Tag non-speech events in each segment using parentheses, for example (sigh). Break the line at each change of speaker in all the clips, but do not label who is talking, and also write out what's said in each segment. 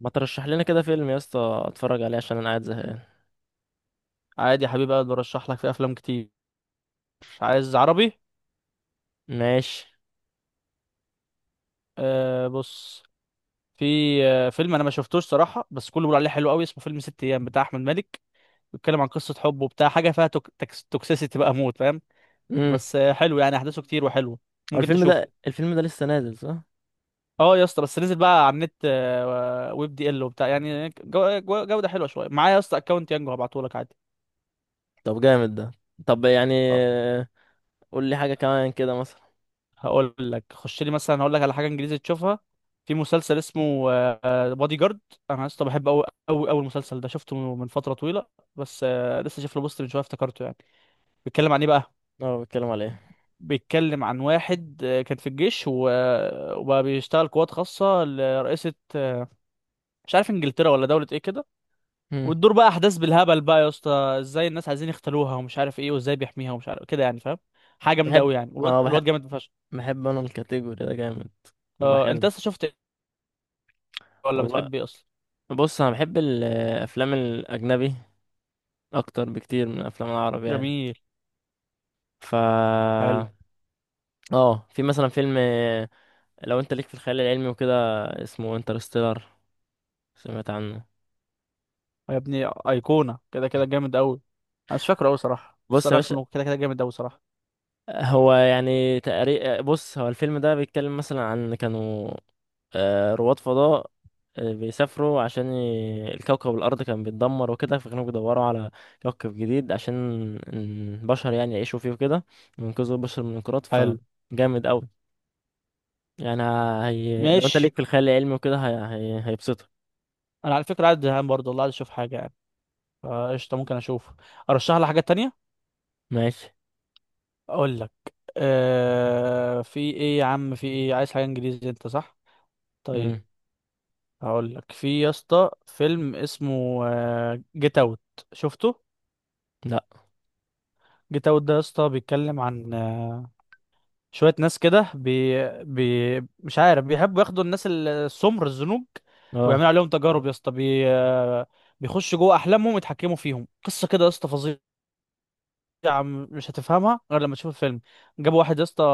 ما ترشح لنا كده فيلم يا اسطى اتفرج عليه عشان انا قاعد زهقان؟
عادي يا حبيبي اقدر برشح لك في افلام كتير. عايز عربي؟
ماشي.
بص. في آه فيلم انا ما شفتوش صراحه، بس كله بيقول عليه حلو قوي، اسمه فيلم ست ايام بتاع احمد مالك. بيتكلم عن قصه حب وبتاع، حاجه فيها توكسيسيتي بقى موت، فاهم؟
امم.
بس حلو يعني، احداثه كتير وحلو.
هو
ممكن
الفيلم
تشوفه.
ده الفيلم ده لسه نازل صح؟
اه يا اسطى، بس نزل بقى على النت، ويب دي ال وبتاع، يعني جوده حلوه شويه. معايا يا اسطى اكونت يانجو، هبعته لك عادي.
طب جامد ده. طب يعني قول لي حاجه كمان كده مثلا.
هقول لك خش لي مثلا، هقول لك على حاجه انجليزي تشوفها. في مسلسل اسمه بادي جارد. انا لسه بحب قوي المسلسل ده، شفته من فتره طويله. بس آه، لسه شايف له بوست من شويه افتكرته يعني. بيتكلم عن ايه بقى؟
اه، بتكلم على ايه؟
بيتكلم عن واحد كان في الجيش، وبقى بيشتغل قوات خاصه لرئيسه. مش عارف انجلترا ولا دوله ايه كده.
امم.
وتدور بقى احداث بالهبل بقى يا اسطى. ازاي الناس عايزين يختلوها ومش عارف ايه، وازاي بيحميها ومش عارف كده، يعني فاهم؟ حاجه جامده قوي
بحب
يعني، والواد
اه بحب
الواد جامد فشخ.
بحب انا الكاتيجوري ده جامد. بيبقى
آه، انت
حلو.
لسه شفت إيه؟ ولا
والله،
بتحب ايه اصلا؟
بص انا بحب الافلام الاجنبي اكتر بكتير من الافلام العربي يعني.
جميل،
ف
حلو.
اه، في مثلا فيلم لو انت ليك في الخيال العلمي وكده. اسمه انترستيلر. سمعت عنه؟
يا ابني ايقونه، كده كده جامد قوي. انا مش فاكره قوي صراحه، بس
بص
انا
يا
عارف
باشا،
انه كده كده جامد قوي صراحه.
هو يعني تقريبا. بص، هو الفيلم ده بيتكلم مثلا عن كانوا رواد فضاء بيسافروا عشان الكوكب الأرض كان بيتدمر وكده، فكانوا بيدوروا على كوكب جديد عشان البشر يعني يعيشوا فيه وكده، وينقذوا البشر من الانقراض
حلو.
فجامد أوي يعني. لو أنت
ماشي.
ليك في الخيال العلمي وكده هيبسطك.
انا على فكره قاعد زهقان برضه والله، عايز اشوف حاجه يعني. فقشطه ممكن اشوف. ارشح لك حاجه تانية.
ماشي.
اقول لك. آه، في ايه يا عم، في ايه؟ عايز حاجه انجليزي انت صح؟ طيب.
مم.
هقول لك في يا اسطى فيلم اسمه جيت اوت. شفته؟
لأ.
جيت اوت ده يا اسطى بيتكلم عن آه، شوية ناس كده مش عارف، بيحبوا ياخدوا الناس السمر الزنوج،
اه.
ويعملوا عليهم تجارب يا اسطى. بي... آه، بيخشوا جوه أحلامهم يتحكموا فيهم، قصة كده يا اسطى فظيعة. مش هتفهمها غير لما تشوف الفيلم. جابوا واحد يا اسطى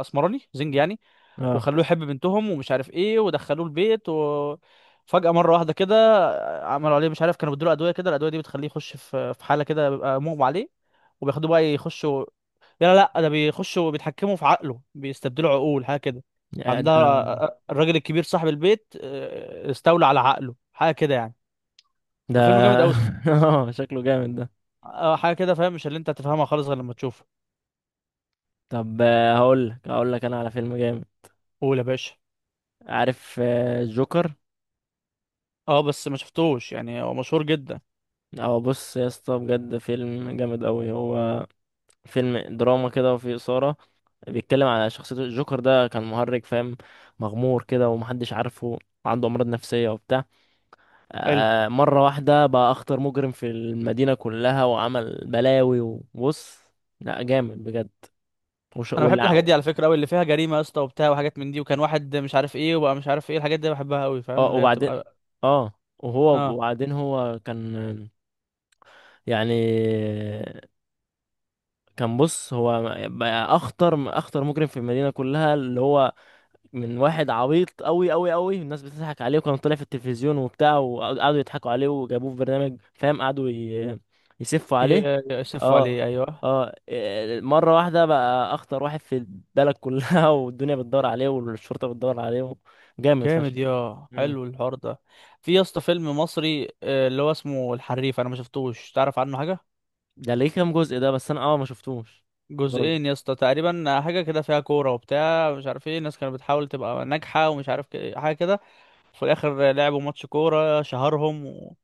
أسمراني زنج يعني،
اه.
وخلوه يحب بنتهم ومش عارف ايه، ودخلوه البيت و فجأة مرة واحدة كده آه، عملوا عليه مش عارف، كانوا بيدوا له أدوية كده، الأدوية دي بتخليه يخش في حالة كده بيبقى مغمى عليه، وبياخدوه بقى يخشوا. لا، ده بيخشوا بيتحكموا في عقله، بيستبدلوا عقول حاجه كده
يا
عندها.
ده.
الراجل الكبير صاحب البيت آه، استولى على عقله حاجه كده يعني.
ده.
الفيلم جامد قوي.
(laughs) اه، شكله جامد ده.
حاجه كده فاهم، مش اللي انت هتفهمها خالص غير لما تشوفه.
طب هقول لك أنا على فيلم جامد.
قول يا باشا.
عارف جوكر؟
اه، بس ما شفتوش يعني، هو مشهور جدا.
او، بص يا اسطى، بجد فيلم جامد قوي هو. فيلم دراما كده وفيه اثاره. بيتكلم على شخصيه الجوكر ده، كان مهرج فاهم، مغمور كده ومحدش عارفه. عنده امراض نفسيه وبتاع.
حلو.
مره واحده بقى اخطر مجرم في المدينه كلها وعمل بلاوي وبص. لا، جامد بجد. وش...
انا بحب
والع...
الحاجات دي على فكره قوي، اللي فيها جريمه يا اسطى وبتاع، وحاجات من دي، وكان واحد مش عارف ايه وبقى مش عارف ايه، الحاجات دي بحبها قوي فاهم،
اه،
اللي هي
وبعدين.
بتبقى.
اه
اه.
وبعدين هو كان يعني. كان بص هو بقى اخطر مجرم في المدينه كلها، اللي هو من واحد عبيط قوي قوي قوي، الناس بتضحك عليه وكان طالع في التلفزيون وبتاع، وقعدوا يضحكوا عليه وجابوه في برنامج فاهم، قعدوا يسفوا عليه.
يصفوا
اه.
عليه ايوه.
اه. مره واحده بقى اخطر واحد في البلد كلها (laughs) والدنيا بتدور عليه والشرطه بتدور عليه. جامد فشخ.
جامد يا
مم.
حلو الحوار ده. في يا اسطى فيلم مصري آه، اللي هو اسمه الحريف، انا ما شفتوش، تعرف عنه حاجه؟
ده ليه كام جزء ده؟ بس انا ما شفتوش.
جزئين
برضه.
يا اسطى تقريبا، حاجه كده فيها كوره وبتاع، مش عارف ايه، الناس كانت بتحاول تبقى ناجحه ومش عارف حاجه كده. في الاخر لعبوا ماتش كوره شهرهم و...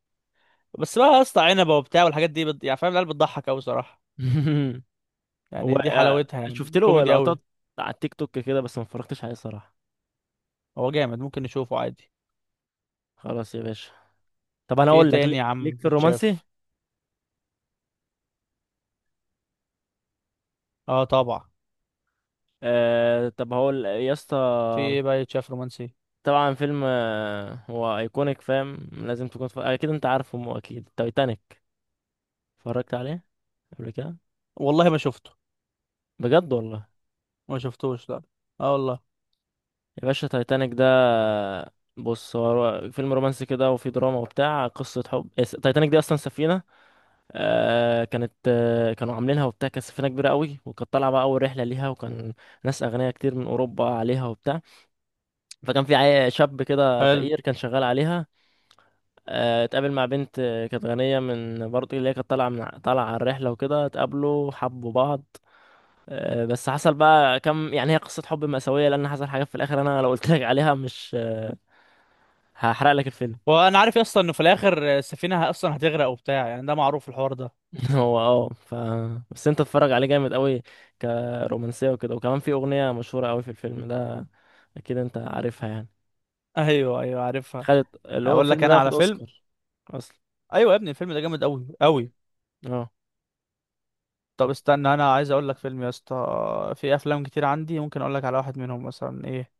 بس بقى يا اسطى عنبه وبتاع، والحاجات دي يعني فاهم، العيال بتضحك قوي صراحه.
(laughs) هو
يعني دي حلاوتها، يعني
شفت له
كوميدي قوي.
لقطات على التيك توك كده، بس ما اتفرجتش عليه صراحة.
هو جامد، ممكن نشوفه عادي.
خلاص يا باشا. طب انا
في ايه
اقول لك
تاني يا عم
ليك في الرومانسي.
يتشاف؟ اه طبعا.
طب هقول يا اسطى.
في ايه بقى يتشاف رومانسي؟
طبعا فيلم هو ايكونيك فاهم، لازم تكون اكيد انت عارفه، مو اكيد، تايتانيك. اتفرجت عليه قبل كده؟
والله ما شفته.
بجد والله.
ما شفتوش لا. اه والله.
يا باشا، تايتانيك ده بص، هو فيلم رومانسي كده وفي دراما وبتاع، قصة حب. تايتانيك دي اصلا سفينة. كانت كانوا عاملينها وبتاع، كانت سفينة كبيرة قوي، وكانت طالعة بقى أول رحلة ليها، وكان ناس أغنياء كتير من أوروبا عليها وبتاع. فكان في شاب كده
حلو.
فقير كان شغال عليها. اتقابل مع بنت كانت غنية من برضه، اللي هي كانت طالعة على الرحلة وكده، اتقابلوا حبوا بعض. بس حصل بقى كم يعني، هي قصة حب مأساوية لأن حصل حاجات في الآخر، أنا لو قلت لك عليها مش هحرق لك الفيلم.
وانا عارف اصلا انه في الاخر السفينه اصلا هتغرق وبتاع، يعني ده معروف الحوار ده.
(laughs) هو اه ف بس انت تتفرج عليه جامد قوي كرومانسيه وكده، وكمان في اغنيه مشهوره قوي في الفيلم ده، اكيد انت عارفها يعني.
ايوه ايوه عارفها.
خدت اللي هو
اقول لك
الفيلم ده
انا
واخد
على فيلم.
اوسكار اصلا.
ايوه يا ابني الفيلم ده جامد قوي
مم.
قوي
اه.
طب استنى، انا عايز اقول لك فيلم يا اسطى. في افلام كتير عندي، ممكن اقول لك على واحد منهم مثلا ايه.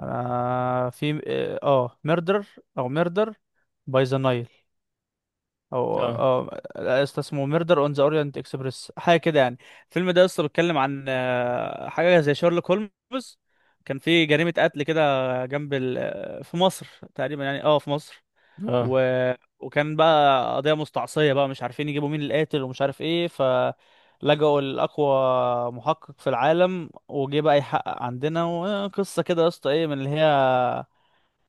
انا في ميردر، او ميردر باي ذا نايل، او
اه.
اسطى اسمه ميردر اون ذا اورينت اكسبريس حاجه كده يعني. الفيلم ده اصلا بيتكلم عن آه، حاجه زي شارلوك هولمز. كان في جريمه قتل كده جنب ال... آه، في مصر تقريبا يعني، اه في مصر.
اه.
و... وكان بقى قضيه مستعصيه بقى، مش عارفين يجيبوا مين القاتل ومش عارف ايه، فلجأوا لأقوى محقق في العالم، وجه بقى يحقق عندنا، وقصه كده يا اسطى ايه من اللي هي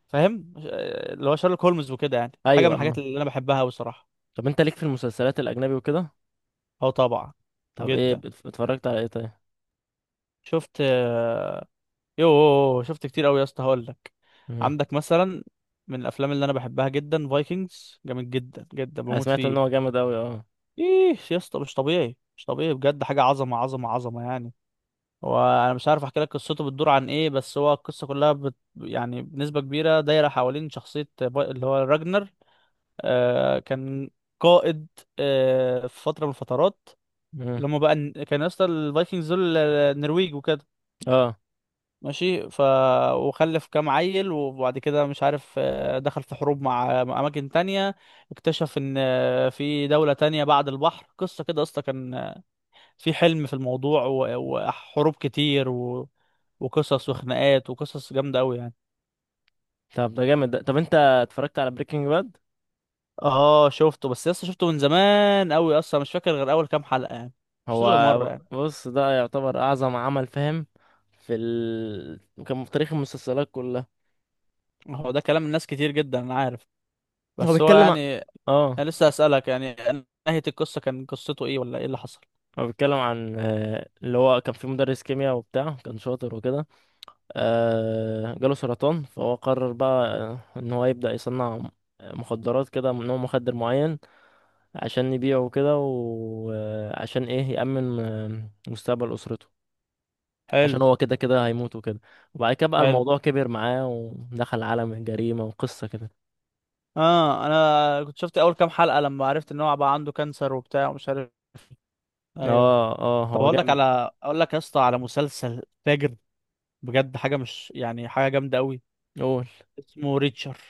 فاهم آه، اللي هو شارلوك هولمز وكده يعني. حاجه من
ايوه. اه،
الحاجات اللي انا بحبها بصراحه.
طب انت ليك في المسلسلات الاجنبي وكده؟
اه طبعا.
طب ايه
جدا.
اتفرجت على ايه طيب؟
شفت آه، يوه شفت كتير قوي يا اسطى، هقول لك.
مم.
عندك مثلا من الافلام اللي انا بحبها جدا فايكنجز، جامد جدا جدا
انا
بموت
سمعت ان هو
فيه.
جامد قوي، اه.
ايه يا اسطى، مش طبيعي مش طبيعي بجد، حاجه عظمه يعني. هو انا مش عارف احكي لك قصته بتدور عن ايه، بس هو القصه كلها يعني بنسبه كبيره دايره حوالين شخصيه اللي هو راجنر. آه كان قائد آه في فتره من الفترات.
مم.
لما بقى كان يا اسطى الفايكنجز دول النرويج وكده.
اه،
ماشي. ف وخلف كام عيل، وبعد كده مش عارف آه، دخل في حروب مع اماكن تانية. اكتشف ان آه، في دولة تانية بعد البحر، قصة كده اصلا كان آه، في حلم في الموضوع وحروب كتير و... وقصص وخناقات وقصص جامدة قوي يعني.
طب ده جامد ده. طب انت اتفرجت على بريكنج باد؟
اه شفته، بس لسه شفته من زمان قوي، اصلا مش فاكر غير اول كام حلقة يعني. مش شفتوش
هو
غير مرة يعني.
بص، ده يعتبر اعظم عمل فاهم في ال... كان في تاريخ المسلسلات كلها.
هو ده كلام الناس كتير جدا، انا عارف.
هو
بس هو
بيتكلم عن...
يعني.
اه
انا لسه اسألك يعني، نهاية القصة كان قصته ايه ولا ايه اللي حصل؟
هو بيتكلم عن اللي هو كان في مدرس كيمياء وبتاع، كان شاطر وكده. جاله سرطان فهو قرر بقى ان هو يبدأ يصنع مخدرات كده من نوع مخدر معين عشان يبيعه وكده، وعشان ايه يأمن مستقبل أسرته عشان
حلو.
هو كده كده هيموت وكده. وبعد كده بقى
حلو.
الموضوع كبر معاه ودخل عالم الجريمة وقصة كده.
اه انا كنت شفت اول كام حلقه لما عرفت ان هو بقى عنده كانسر وبتاع ومش عارف. ايوه.
اه. اه،
طب
هو جامد.
اقول لك يا اسطى على مسلسل فاجر، بجد حاجه مش يعني، حاجه جامده قوي.
قول.
اسمه ريتشر.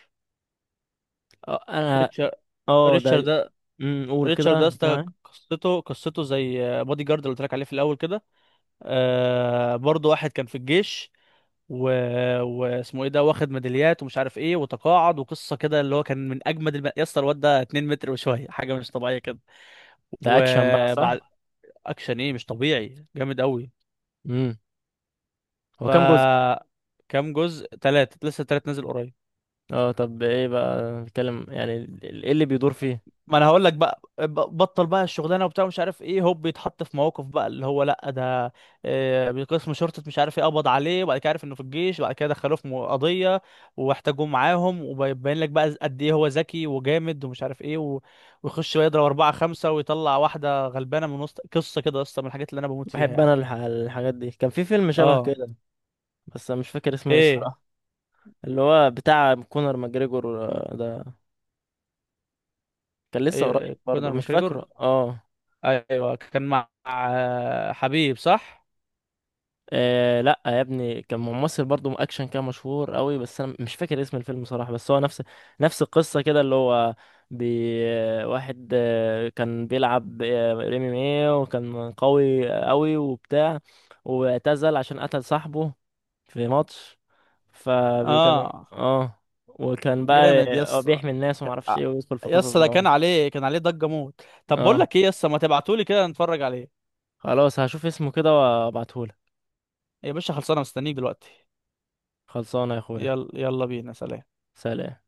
اه انا.
ريتشر.
اه
ريتشر
ده.
ده
قول
ريتشر
كده،
ده يا
بيتكلم
اسطى،
عن إيه؟
قصته. زي بودي جارد اللي قلت لك عليه في الاول كده. آه برضه واحد كان في الجيش و... واسمه ايه ده، واخد ميداليات ومش عارف ايه، وتقاعد، وقصه كده اللي هو كان من اجمد يا اسطى، الواد ده 2 متر وشويه، حاجه مش طبيعيه كده.
ده اكشن بقى
وبعد
صح؟
اكشن ايه، مش طبيعي جامد قوي.
امم. هو
ف
كام جزء؟
كام جزء؟ ثلاثة، لسه ثلاث نازل قريب.
اه، طب ايه بقى بيتكلم يعني ايه اللي بيدور فيه؟
ما انا هقول لك بقى، بطل بقى الشغلانه وبتاع مش عارف ايه، هوب بيتحط في مواقف بقى اللي هو لا ده آه، قسم شرطه مش عارف ايه قبض عليه، وبعد كده عارف انه في الجيش، وبعد كده دخلوه في قضيه، واحتاجوه معاهم، وبيبين لك بقى قد ايه هو ذكي وجامد ومش عارف ايه و... ويخش يضرب اربعه خمسه ويطلع واحده غلبانه من وسط، قصه كده اصلا من الحاجات اللي انا بموت فيها
بحب
يعني.
انا الحاجات دي. كان في فيلم شبه
اه.
كده بس انا مش فاكر اسمه ايه
ايه
الصراحه، اللي هو بتاع كونر ماجريجور ده، كان لسه
ايه
قريب
إيه،
برضه
كونر
مش
ماكريجور.
فاكره
ايوه كان مع آه، حبيب صح.
لا يا ابني، كان ممثل برضه اكشن، كان مشهور قوي، بس انا مش فاكر اسم الفيلم صراحة. بس هو نفس القصة كده، اللي هو بي واحد كان بيلعب ام ام ايه، وكان قوي قوي وبتاع، واعتزل عشان قتل صاحبه في ماتش. فكانوا
اه
وكان بقى
جامد يس.
بيحمي الناس ومعرفش ايه ويدخل في قصص
يس ده
بعض.
كان عليه كان عليه ضجة موت. طب بقول
اه،
لك ايه يس، ما تبعتولي كده نتفرج عليه.
خلاص هشوف اسمه كده وابعتهولك.
يا باشا خلصانه، مستنيك دلوقتي.
خلصانه يا اخويا.
يلا يلا بينا، سلام.
سلام.